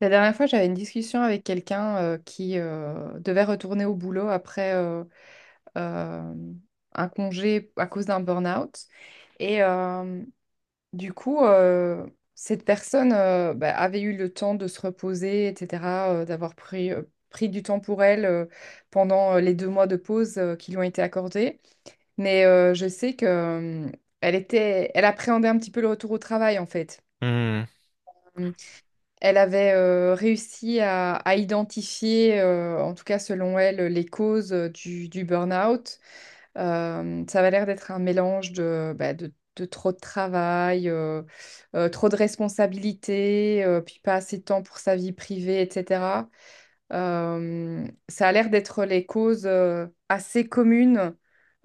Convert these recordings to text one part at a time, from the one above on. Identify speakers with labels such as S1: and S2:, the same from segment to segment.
S1: La dernière fois, j'avais une discussion avec quelqu'un qui devait retourner au boulot après euh, un congé à cause d'un burn-out. Et du coup, cette personne avait eu le temps de se reposer, etc., d'avoir pris, pris du temps pour elle pendant les 2 mois de pause qui lui ont été accordés. Mais je sais que, elle appréhendait un petit peu le retour au travail, en fait.
S2: Hmm,
S1: Elle avait réussi à identifier, en tout cas selon elle, les causes du burn-out. Ça avait l'air d'être un mélange de, bah, de trop de travail, trop de responsabilités, puis pas assez de temps pour sa vie privée, etc. Ça a l'air d'être les causes assez communes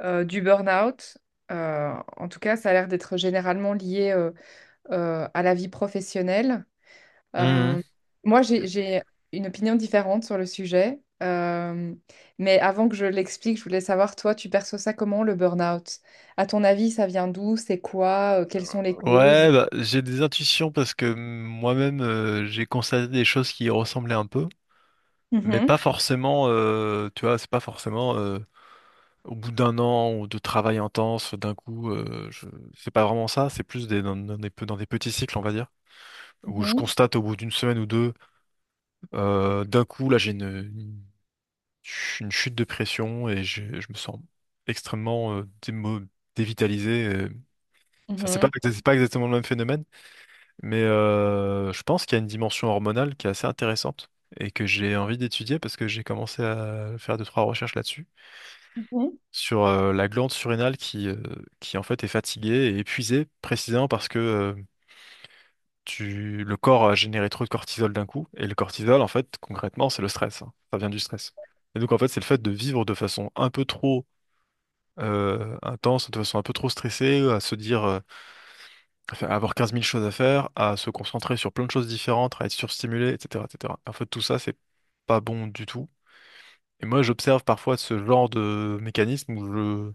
S1: du burn-out. En tout cas, ça a l'air d'être généralement lié à la vie professionnelle.
S2: hmm.
S1: Euh, Moi, j'ai une opinion différente sur le sujet, mais avant que je l'explique, je voulais savoir, toi, tu perçois ça comment, le burn-out? À ton avis, ça vient d'où? C'est quoi? Quelles sont les causes?
S2: Ouais, bah, j'ai des intuitions parce que moi-même j'ai constaté des choses qui y ressemblaient un peu, mais pas
S1: Mhm.
S2: forcément, tu vois, c'est pas forcément au bout d'un an ou de travail intense, d'un coup, je... C'est pas vraiment ça, c'est plus des, dans, dans des, pe- dans des petits cycles, on va dire, où je
S1: Mhm.
S2: constate au bout d'une semaine ou deux, d'un coup, là j'ai une une chute de pression et je me sens extrêmement dévitalisé. Enfin,
S1: Mhm.
S2: c'est pas exactement le même phénomène. Mais je pense qu'il y a une dimension hormonale qui est assez intéressante et que j'ai envie d'étudier parce que j'ai commencé à faire deux, trois recherches là-dessus,
S1: Mhm.
S2: sur la glande surrénale qui en fait est fatiguée et épuisée précisément parce que le corps a généré trop de cortisol d'un coup. Et le cortisol, en fait, concrètement, c'est le stress. Hein. Ça vient du stress. Et donc, en fait, c'est le fait de vivre de façon un peu trop intense, de façon un peu trop stressée, à se dire. À avoir quinze mille choses à faire, à se concentrer sur plein de choses différentes, à être surstimulé, etc., etc. En fait, tout ça, c'est pas bon du tout. Et moi, j'observe parfois ce genre de mécanisme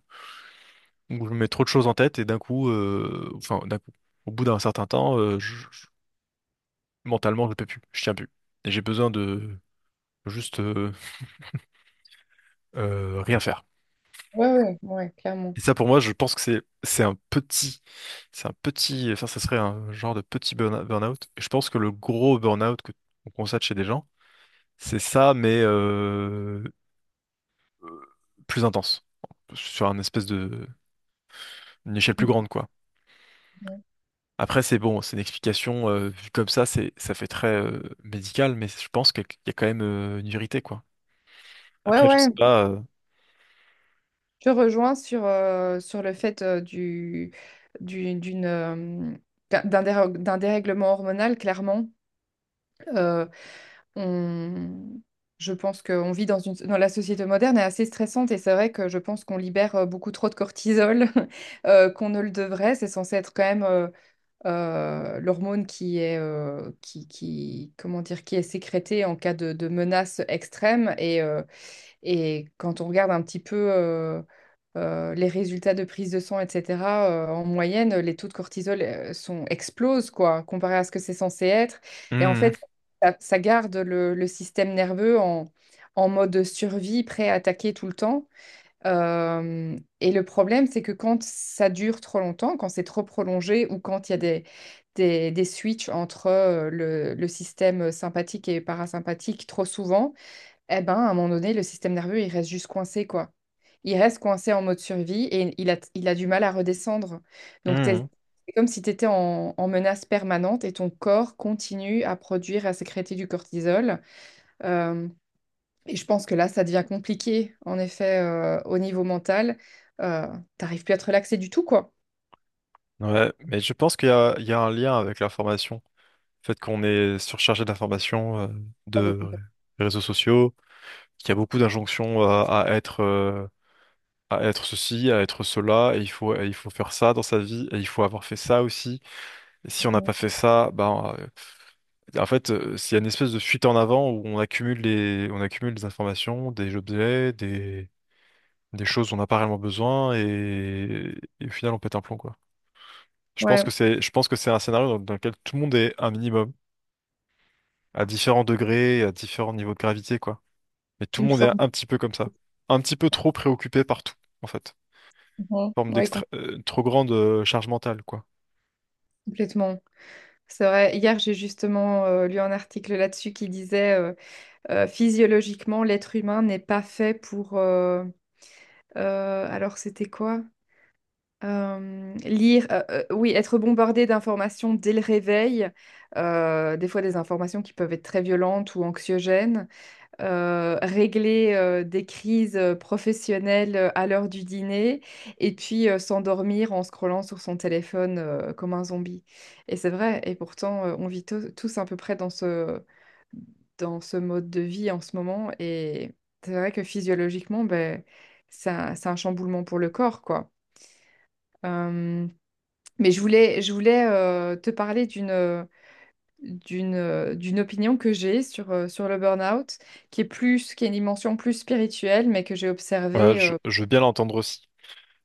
S2: où je mets trop de choses en tête et d'un coup, d'un coup, au bout d'un certain temps, mentalement, je peux plus, je tiens plus. Et j'ai besoin de juste rien faire.
S1: Ouais, ouais, ouais, clairement.
S2: Et ça, pour moi, je pense que c'est un petit, enfin, ça serait un genre de petit burn-out. Et je pense que le gros burn-out qu'on constate chez des gens c'est ça, mais euh, plus intense, sur un espèce de une échelle plus grande, quoi.
S1: Mhm.
S2: Après, c'est bon, c'est une explication vue comme ça, c'est ça fait très médical, mais je pense qu'il y a quand même une vérité, quoi.
S1: Ouais,
S2: Après, je sais
S1: ouais,
S2: pas.
S1: je rejoins sur, sur le fait du- d'une, euh, d'un dérèglement hormonal, clairement. Euh, On- Je pense qu'on vit dans une... dans la société moderne est assez stressante et c'est vrai que je pense qu'on libère beaucoup trop de cortisol qu'on ne le devrait. C'est censé être quand même l'hormone qui est qui comment dire qui est sécrétée en cas de menace extrême et quand on regarde un petit peu les résultats de prise de sang, etc., en moyenne, les taux de cortisol explosent, quoi, comparé à ce que c'est censé être. Et en
S2: Mhm,
S1: fait, ça garde le système nerveux en, en mode survie, prêt à attaquer tout le temps. Et le problème, c'est que quand ça dure trop longtemps, quand c'est trop prolongé ou quand il y a des switches entre le système sympathique et parasympathique trop souvent, eh ben, à un moment donné, le système nerveux, il reste juste coincé, quoi. Il reste coincé en mode survie et il a du mal à redescendre. Donc, t'es-
S2: mhm.
S1: c'est comme si tu étais en, en menace permanente et ton corps continue à produire, à sécréter du cortisol. Euh, et je pense que là, ça devient compliqué, en effet, au niveau mental. Euh, T'arrives plus à te relaxer du tout, quoi.
S2: Ouais, mais je pense qu'il y a, il y a un lien avec l'information. Le fait qu'on est surchargé d'informations,
S1: Oh,
S2: de
S1: bah,
S2: réseaux sociaux, qu'il y a beaucoup d'injonctions à être ceci, à être cela, et il faut faire ça dans sa vie, et il faut avoir fait ça aussi. Et si on n'a pas
S1: complètement.
S2: fait ça, ben, en fait, c'est une espèce de fuite en avant où on accumule des informations, des objets, des choses dont on n'a pas réellement besoin, et au final, on pète un plomb, quoi.
S1: Ouais,
S2: Je pense que c'est un scénario dans lequel tout le monde est un minimum, à différents degrés, à différents niveaux de gravité, quoi. Mais tout le
S1: une
S2: monde est
S1: forme.
S2: un petit peu comme ça. Un petit peu trop préoccupé par tout, en fait. Forme
S1: Oui,
S2: d'extra, trop grande charge mentale, quoi.
S1: complètement. C'est vrai, hier j'ai justement lu un article là-dessus qui disait physiologiquement l'être humain n'est pas fait pour, alors, c'était quoi? Lire, oui, être bombardé d'informations dès le réveil, des fois des informations qui peuvent être très violentes ou anxiogènes, régler des crises professionnelles à l'heure du dîner, et puis s'endormir en scrollant sur son téléphone comme un zombie. Et c'est vrai, et pourtant, on vit tous à peu près dans ce mode de vie en ce moment, et c'est vrai que physiologiquement, ben, c'est c'est un chamboulement pour le corps, quoi. Euh, je voulais te parler d'une opinion que j'ai sur, sur le burn-out, qui est une dimension plus spirituelle, mais que j'ai
S2: Ouais,
S1: observée.
S2: je veux bien l'entendre aussi.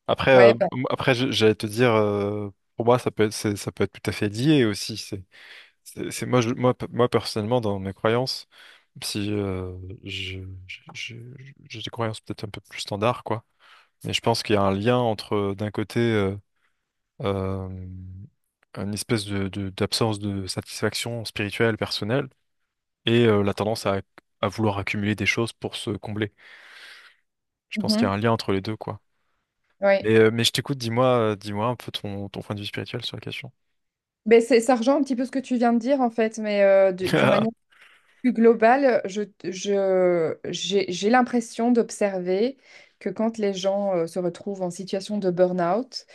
S2: Après,
S1: Ouais, bah,
S2: après, j'allais te dire, pour moi, ça peut être tout à fait lié aussi. Moi, moi, moi, personnellement, dans mes croyances, si je, je- j'ai des croyances peut-être un peu plus standard, quoi. Mais je pense qu'il y a un lien entre, d'un côté, euh, une espèce de, d'absence de satisfaction spirituelle, personnelle, et la tendance à vouloir accumuler des choses pour se combler. Je pense qu'il y
S1: mhm,
S2: a un lien entre les deux, quoi.
S1: ouais.
S2: Mais je t'écoute, dis-moi, dis-moi un peu ton, ton point de vue spirituel sur la question.
S1: Ben, c'est, ça rejoint un petit peu ce que tu viens de dire, en fait, mais d'une manière plus globale, j'ai l'impression d'observer que quand les gens se retrouvent en situation de burn-out,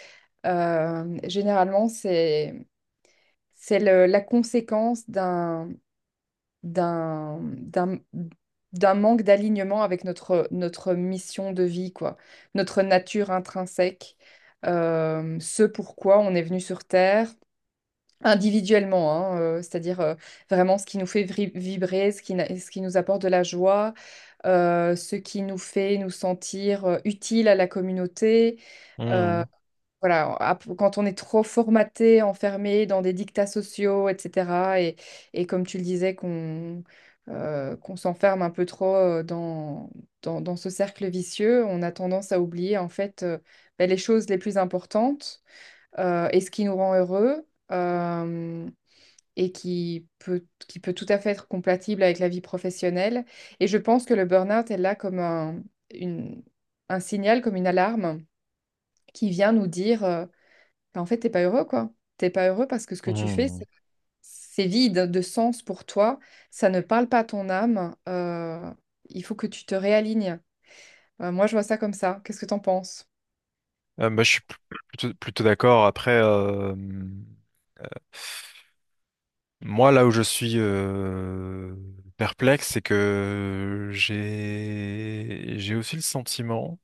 S1: généralement, la conséquence d'un, d'un, d'un manque d'alignement avec notre, notre mission de vie, quoi, notre nature intrinsèque, ce pourquoi on est venu sur Terre. Individuellement, hein, c'est-à-dire vraiment ce qui nous fait vibrer, ce qui nous apporte de la joie, ce qui nous fait nous sentir utiles à la communauté, euh,
S2: Mmh,
S1: voilà, quand on est trop formaté, enfermé dans des dictats sociaux, etc., et comme tu le disais, qu'on qu'on s'enferme un peu trop dans ce cercle vicieux, on a tendance à oublier en fait ben, les choses les plus importantes et ce qui nous rend heureux euh, et qui peut tout à fait être compatible avec la vie professionnelle. Et je pense que le burn-out est là comme un, une- un signal, comme une alarme qui vient nous dire... bah, en fait, t'es pas heureux, quoi. T'es pas heureux parce que ce que tu fais,
S2: mmh.
S1: c'est vide de sens pour toi. Ça ne parle pas à ton âme. Il faut que tu te réalignes. Moi, je vois ça comme ça. Qu'est-ce que t'en penses?
S2: Bah, je suis plutôt, plutôt d'accord. Après, moi, là où je suis perplexe, c'est que j'ai aussi le sentiment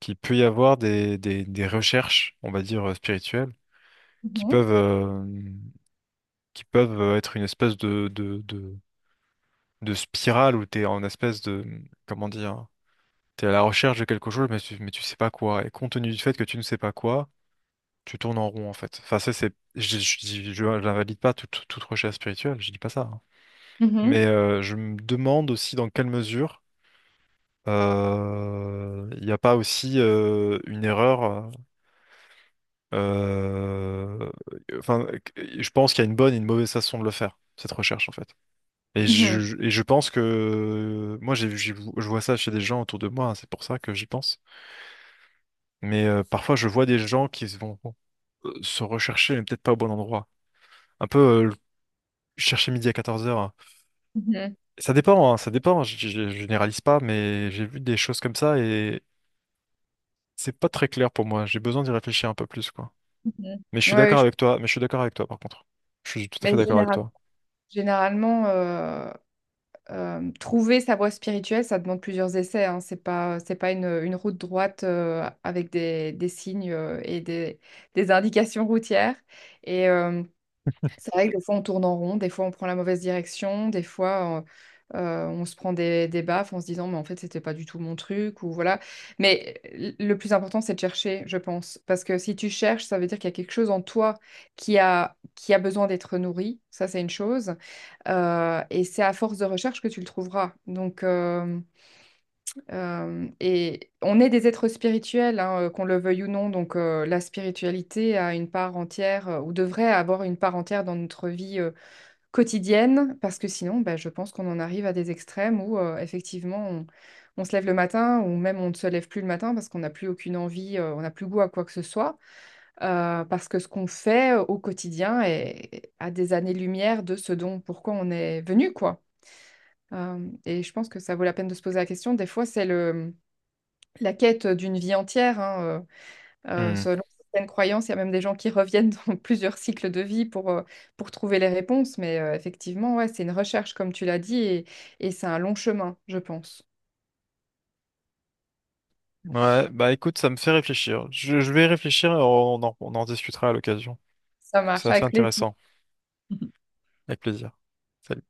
S2: qu'il peut y avoir des recherches, on va dire, spirituelles, qui
S1: Mhm.
S2: peuvent, euh, qui peuvent être une espèce de spirale où t'es en espèce de, comment dire, t'es à la recherche de quelque chose, mais tu sais pas quoi. Et compte tenu du fait que tu ne sais pas quoi, tu tournes en rond, en fait. Enfin, ça, c'est, n'invalide pas toute recherche spirituelle, je dis pas ça. Hein.
S1: Mhm.
S2: Mais je me demande aussi dans quelle mesure il n'y a pas aussi une erreur. Euh, enfin, je pense qu'il y a une bonne et une mauvaise façon de le faire, cette recherche, en fait.
S1: Mhm.
S2: Et je pense que moi, je vois ça chez des gens autour de moi, hein, c'est pour ça que j'y pense. Mais parfois, je vois des gens qui se vont se rechercher, mais peut-être pas au bon endroit. Un peu chercher midi à 14 heures, hein.
S1: Mhm.
S2: Ça dépend, hein, ça dépend, je généralise pas, mais j'ai vu des choses comme ça et c'est pas très clair pour moi. J'ai besoin d'y réfléchir un peu plus, quoi. Mais je
S1: Mhm.
S2: suis
S1: Ouais,
S2: d'accord
S1: je-
S2: avec toi, mais je suis d'accord avec toi par contre. Je suis tout à
S1: mais
S2: fait d'accord avec toi.
S1: généralement, trouver sa voie spirituelle, ça demande plusieurs essais. Hein. C'est pas une route droite avec des signes et des indications routières. Et, c'est vrai que des fois on tourne en rond, des fois on prend la mauvaise direction, des fois on se prend des baffes en se disant mais en fait c'était pas du tout mon truc ou voilà. Mais le plus important c'est de chercher, je pense, parce que si tu cherches, ça veut dire qu'il y a quelque chose en toi qui a besoin d'être nourri, ça c'est une chose. Et c'est à force de recherche que tu le trouveras. Donc et on est des êtres spirituels, hein, qu'on le veuille ou non, donc la spiritualité a une part entière ou devrait avoir une part entière dans notre vie quotidienne, parce que sinon, bah, je pense qu'on en arrive à des extrêmes où effectivement, on se lève le matin ou même on ne se lève plus le matin parce qu'on n'a plus aucune envie, on n'a plus goût à quoi que ce soit, parce que ce qu'on fait au quotidien est à des années-lumière de ce dont pourquoi on est venu, quoi. Et je pense que ça vaut la peine de se poser la question. Des fois, c'est la quête d'une vie entière, hein,
S2: Hmm.
S1: selon certaines croyances, il y a même des gens qui reviennent dans plusieurs cycles de vie pour trouver les réponses. Mais effectivement, ouais, c'est une recherche, comme tu l'as dit, et c'est un long chemin, je pense.
S2: Ouais, bah écoute, ça me fait réfléchir. Je vais réfléchir et on en discutera à l'occasion.
S1: Ça
S2: C'est
S1: marche
S2: assez
S1: avec plaisir.
S2: intéressant. Avec plaisir. Salut.